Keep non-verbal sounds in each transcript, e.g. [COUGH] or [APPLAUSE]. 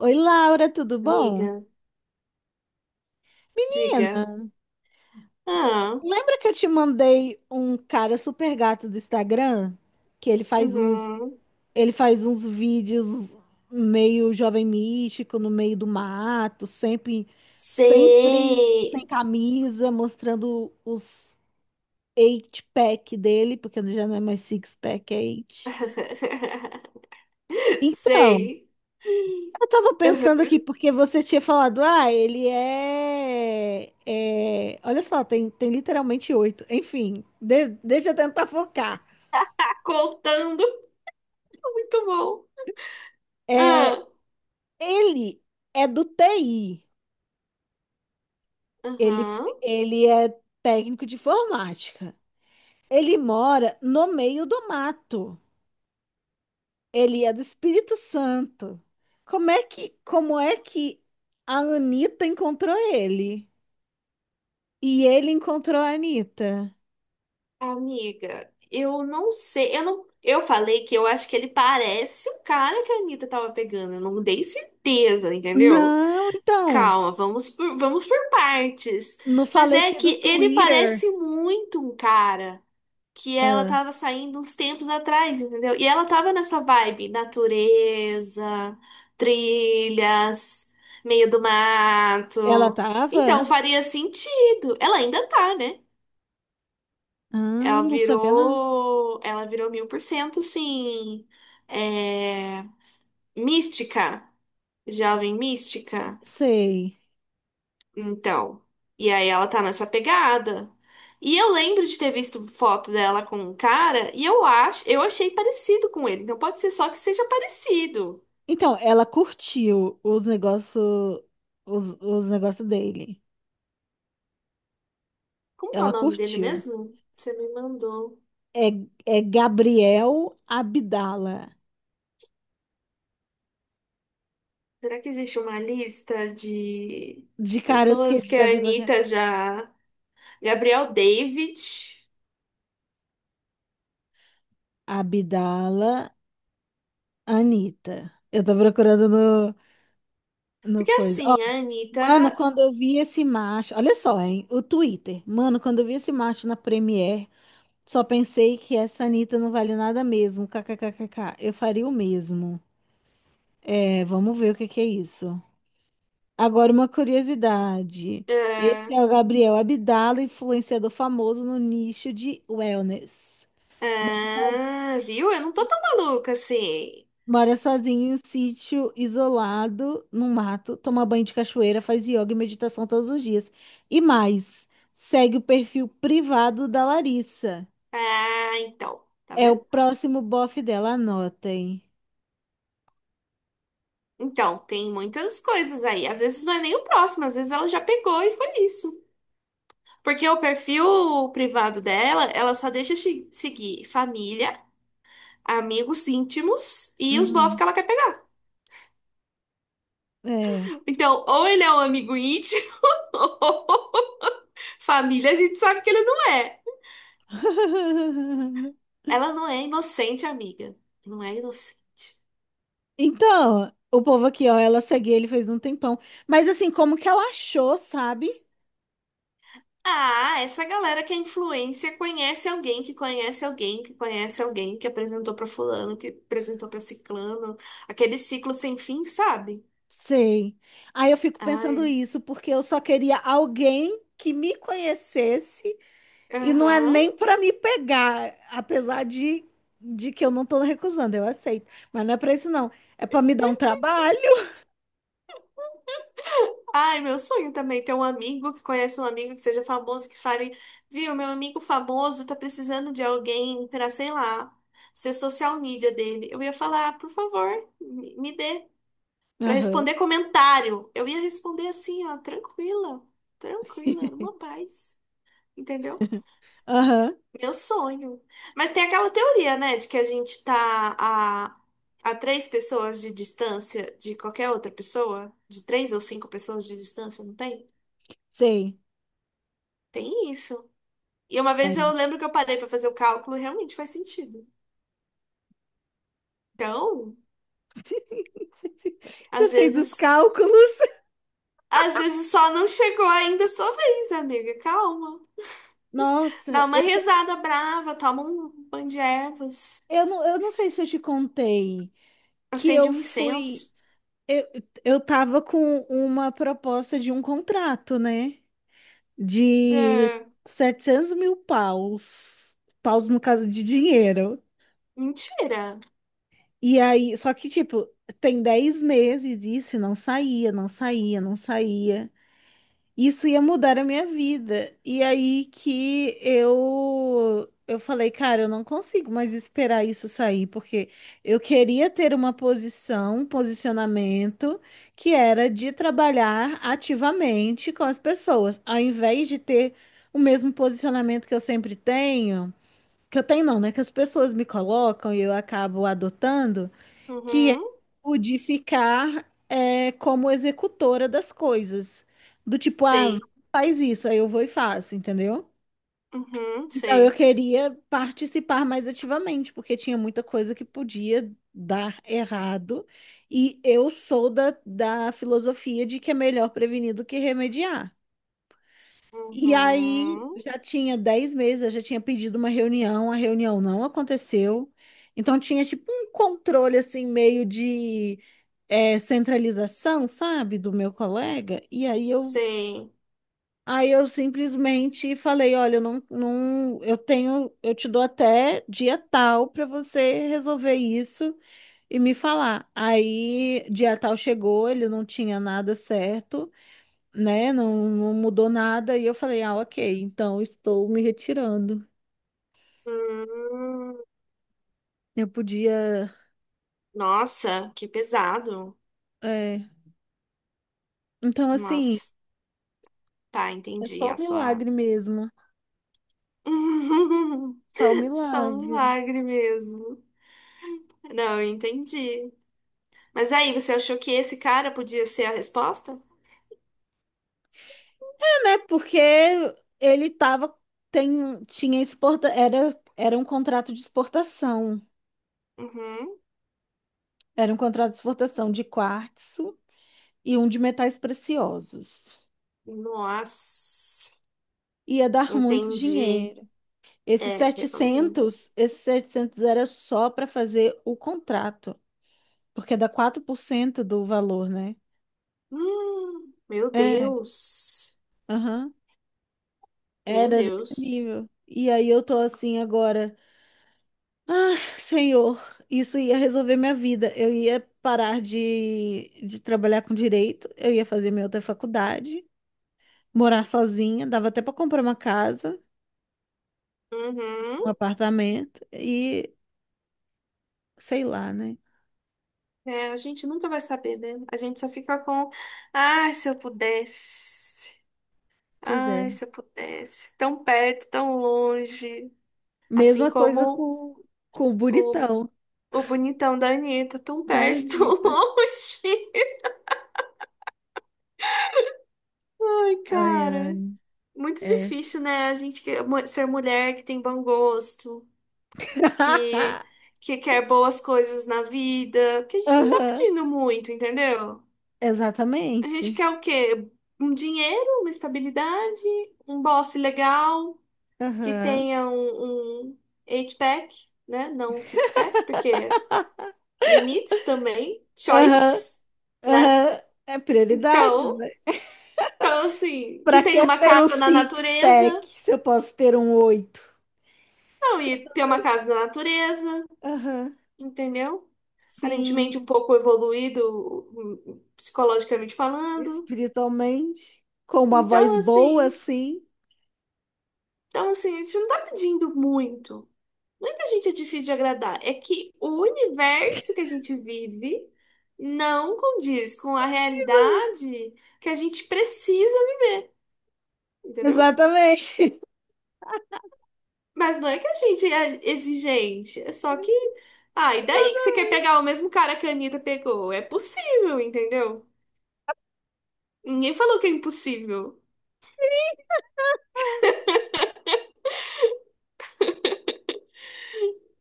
Oi, Laura, tudo bom? Amiga, Menina, diga. Ah, lembra que eu te mandei um cara super gato do Instagram? Que ele faz uns, uhum. ele faz uns vídeos meio jovem místico, no meio do mato, sempre sem Sei. camisa, mostrando os eight pack dele, porque já não é mais six pack, é eight. [LAUGHS] Então, Sei. eu tava pensando Uhum. aqui, porque você tinha falado, ah, Olha só, tem literalmente oito. Enfim, deixa eu tentar focar. Tá contando. Muito bom. É, Ah, ele é do TI. Ele, uhum. ele é técnico de informática. Ele mora no meio do mato. Ele é do Espírito Santo. Como é que a Anitta encontrou ele? E ele encontrou a Anitta? Amiga, eu não sei. Eu não... Eu falei que eu acho que ele parece o cara que a Anitta tava pegando. Eu não dei certeza, entendeu? Não, então. Calma, vamos por partes. No Mas é falecido que ele Twitter, parece muito um cara que ela ah, tava saindo uns tempos atrás, entendeu? E ela tava nessa vibe, natureza, trilhas, meio do ela mato. tava? Então faria sentido. Ela ainda tá, né? Ah, Ela não sabia não. virou, ela virou 1000%, sim, é, mística, jovem mística. Sei. Então, e aí ela tá nessa pegada. E eu lembro de ter visto foto dela com um cara e eu achei parecido com ele. Então pode ser só que seja parecido. Então, ela curtiu os negócios dele. Como que é Ela o nome dele curtiu. mesmo? Você me mandou. É, é Gabriel Abdala. Será que existe uma lista de De caras que pessoas ele que já a ficou aqui. Anitta já. Gabriel David. Abdala Anitta. Eu tô procurando no Porque coisa. Ó, assim, a mano, Anitta. quando eu vi esse macho. Olha só, hein? O Twitter. Mano, quando eu vi esse macho na Premiere. Só pensei que essa Anitta não vale nada mesmo. KKKKK. Eu faria o mesmo. É, vamos ver o que que é isso. Agora, uma curiosidade. Esse é, é o Gabriel Abdala, influenciador famoso no nicho de wellness. Mora sozinho, ah, viu? Eu não tô tão maluca assim. mora sozinho em um sítio isolado, no mato, toma banho de cachoeira, faz yoga e meditação todos os dias. E mais, segue o perfil privado da Larissa. Ah, então. Tá É o vendo? próximo bofe dela, anotem. Então, tem muitas coisas aí. Às vezes não é nem o próximo, às vezes ela já pegou e foi isso. Porque o perfil privado dela, ela só deixa seguir família, amigos íntimos e os bofs Uhum. que ela quer pegar. É. Então, ou ele é um amigo íntimo, [LAUGHS] ou família, a gente sabe que ele não é. Ela não é inocente, amiga. Não é inocente. Então, o povo aqui, ó, ela segue ele fez um tempão. Mas assim, como que ela achou, sabe? Ah, essa galera que é influência conhece alguém que conhece alguém que conhece alguém que apresentou pra fulano, que apresentou pra ciclano, aquele ciclo sem fim, sabe? Sei. Aí eu fico pensando Ai, isso, porque eu só queria alguém que me conhecesse e não é aham. nem pra me pegar, apesar de que eu não tô recusando, eu aceito. Mas não é pra isso, não. É pra me dar um trabalho. Ai, meu sonho também é ter um amigo que conhece um amigo que seja famoso, que fale, viu, meu amigo famoso tá precisando de alguém pra, sei lá, ser social media dele. Eu ia falar, por favor, me dê pra Aham. responder comentário. Eu ia responder assim, ó, tranquila, tranquila, numa [LAUGHS] paz. Entendeu? Aham. Meu sonho. Mas tem aquela teoria, né, de que a gente tá a, a três pessoas de distância de qualquer outra pessoa, de três ou cinco pessoas de distância, não tem? Sei. Tem isso. E uma vez Tem. eu lembro que eu parei pra fazer o cálculo e realmente faz sentido. Então, [LAUGHS] Você às fez os vezes, cálculos. às vezes só não chegou ainda a sua vez, amiga. Calma. Nossa. Dá uma rezada brava, toma um banho de ervas, Eu não sei se eu te contei que acende eu um fui. incenso. Eu, eu tava com uma proposta de um contrato, né? De É, 700 mil paus. Paus no caso de dinheiro. mentira. E aí, só que, tipo, tem 10 meses isso e não saía, não saía, não saía. Isso ia mudar a minha vida. E aí que eu falei, cara, eu não consigo mais esperar isso sair, porque eu queria ter uma posição, um posicionamento que era de trabalhar ativamente com as pessoas, ao invés de ter o mesmo posicionamento que eu sempre tenho, que eu tenho não, né, que as pessoas me colocam e eu acabo adotando que é Uhum. o de ficar como executora das coisas. Do tipo, ah, Tem. faz isso, aí eu vou e faço, entendeu? Uhum, Então eu sei. queria participar mais ativamente, porque tinha muita coisa que podia dar errado, e eu sou da filosofia de que é melhor prevenir do que remediar. E aí Uhum, já tinha 10 meses, eu já tinha pedido uma reunião, a reunião não aconteceu. Então tinha tipo um controle assim meio de centralização, sabe, do meu colega, e aí eu, sei. aí eu simplesmente falei, olha, eu não, não, eu tenho, eu te dou até dia tal para você resolver isso e me falar. Aí dia tal chegou, ele não tinha nada certo, né? Não, não mudou nada e eu falei, ah, ok, então estou me retirando. Hum, Eu podia, Nossa, que pesado. é, então assim, Nossa, tá, é entendi só um a sua. milagre mesmo, só um [LAUGHS] Só um milagre. milagre mesmo. Não, eu entendi. Mas aí, você achou que esse cara podia ser a resposta? Né? Porque ele tava, tem, tinha exporta, era, era um contrato de exportação. Uhum. Era um contrato de exportação de quartzo e um de metais preciosos. Nossa, Ia dar muito entendi. dinheiro. Esses É, realmente. setecentos esses setecentos era só para fazer o contrato, porque dá 4% do valor, né? Meu É, Deus. aham. Meu Era desse Deus. nível. E aí eu tô assim agora. Ah, senhor, isso ia resolver minha vida. Eu ia parar de trabalhar com direito, eu ia fazer minha outra faculdade, morar sozinha, dava até para comprar uma casa, um Uhum. apartamento e sei lá, né? É, a gente nunca vai saber, né? A gente só fica com, ai, se eu pudesse, Pois é. ai, se eu pudesse, tão perto, tão longe, assim Mesma coisa como com o o, bonitão o bonitão da Anitta, tão da perto, [LAUGHS] tão Anitta. longe. Ai, Ai, cara, ai, muito F. difícil, né? A gente ser mulher que tem bom gosto, que, [LAUGHS] que quer boas coisas na vida, porque a gente não tá Aham, pedindo muito, entendeu? A gente exatamente. quer o quê? Um dinheiro, uma estabilidade, um bofe legal, que Aham, tenha um eight-pack, né? Não um six-pack, porque [LAUGHS] limites também, aham, choices, né? aham. É prioridades. Então, então, assim, que Pra tenha que uma ter um casa na six-pack natureza. se eu posso ter um oito? Não, e ter uma casa na natureza, Aham, entendeu? sim, Aparentemente um pouco evoluído psicologicamente falando. espiritualmente, com uma voz Então, boa, assim, sim. A gente não tá pedindo muito. Não é que a gente é difícil de agradar, é que o universo que a gente vive não condiz com a realidade que a gente precisa, entendeu? Exatamente. [LAUGHS] Mas não é que a gente é exigente, é só que. Ah, e daí que você quer pegar o mesmo cara que a Anitta pegou? É possível, entendeu? Ninguém falou que é impossível.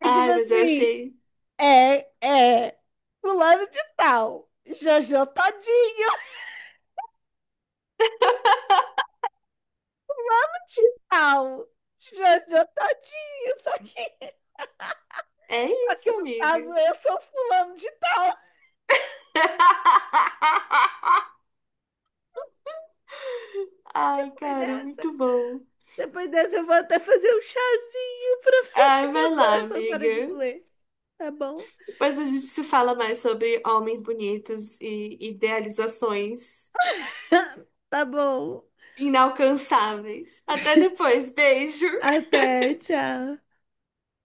É tipo Ai, mas eu assim, achei. é, é, fulano de tal, Jojo Todinho, É só que isso, no caso amiga. eu sou fulano de tal. [LAUGHS] Ai, Depois cara, dessa, muito bom. depois dessa eu vou até fazer um chazinho pra [LAUGHS] ver se Ai, vai meu lá, coração para de amiga. doer, tá bom? Mas a gente se fala mais sobre homens bonitos e idealizações [LAUGHS] Tá bom. inalcançáveis. Até depois, beijo! Até, tchau.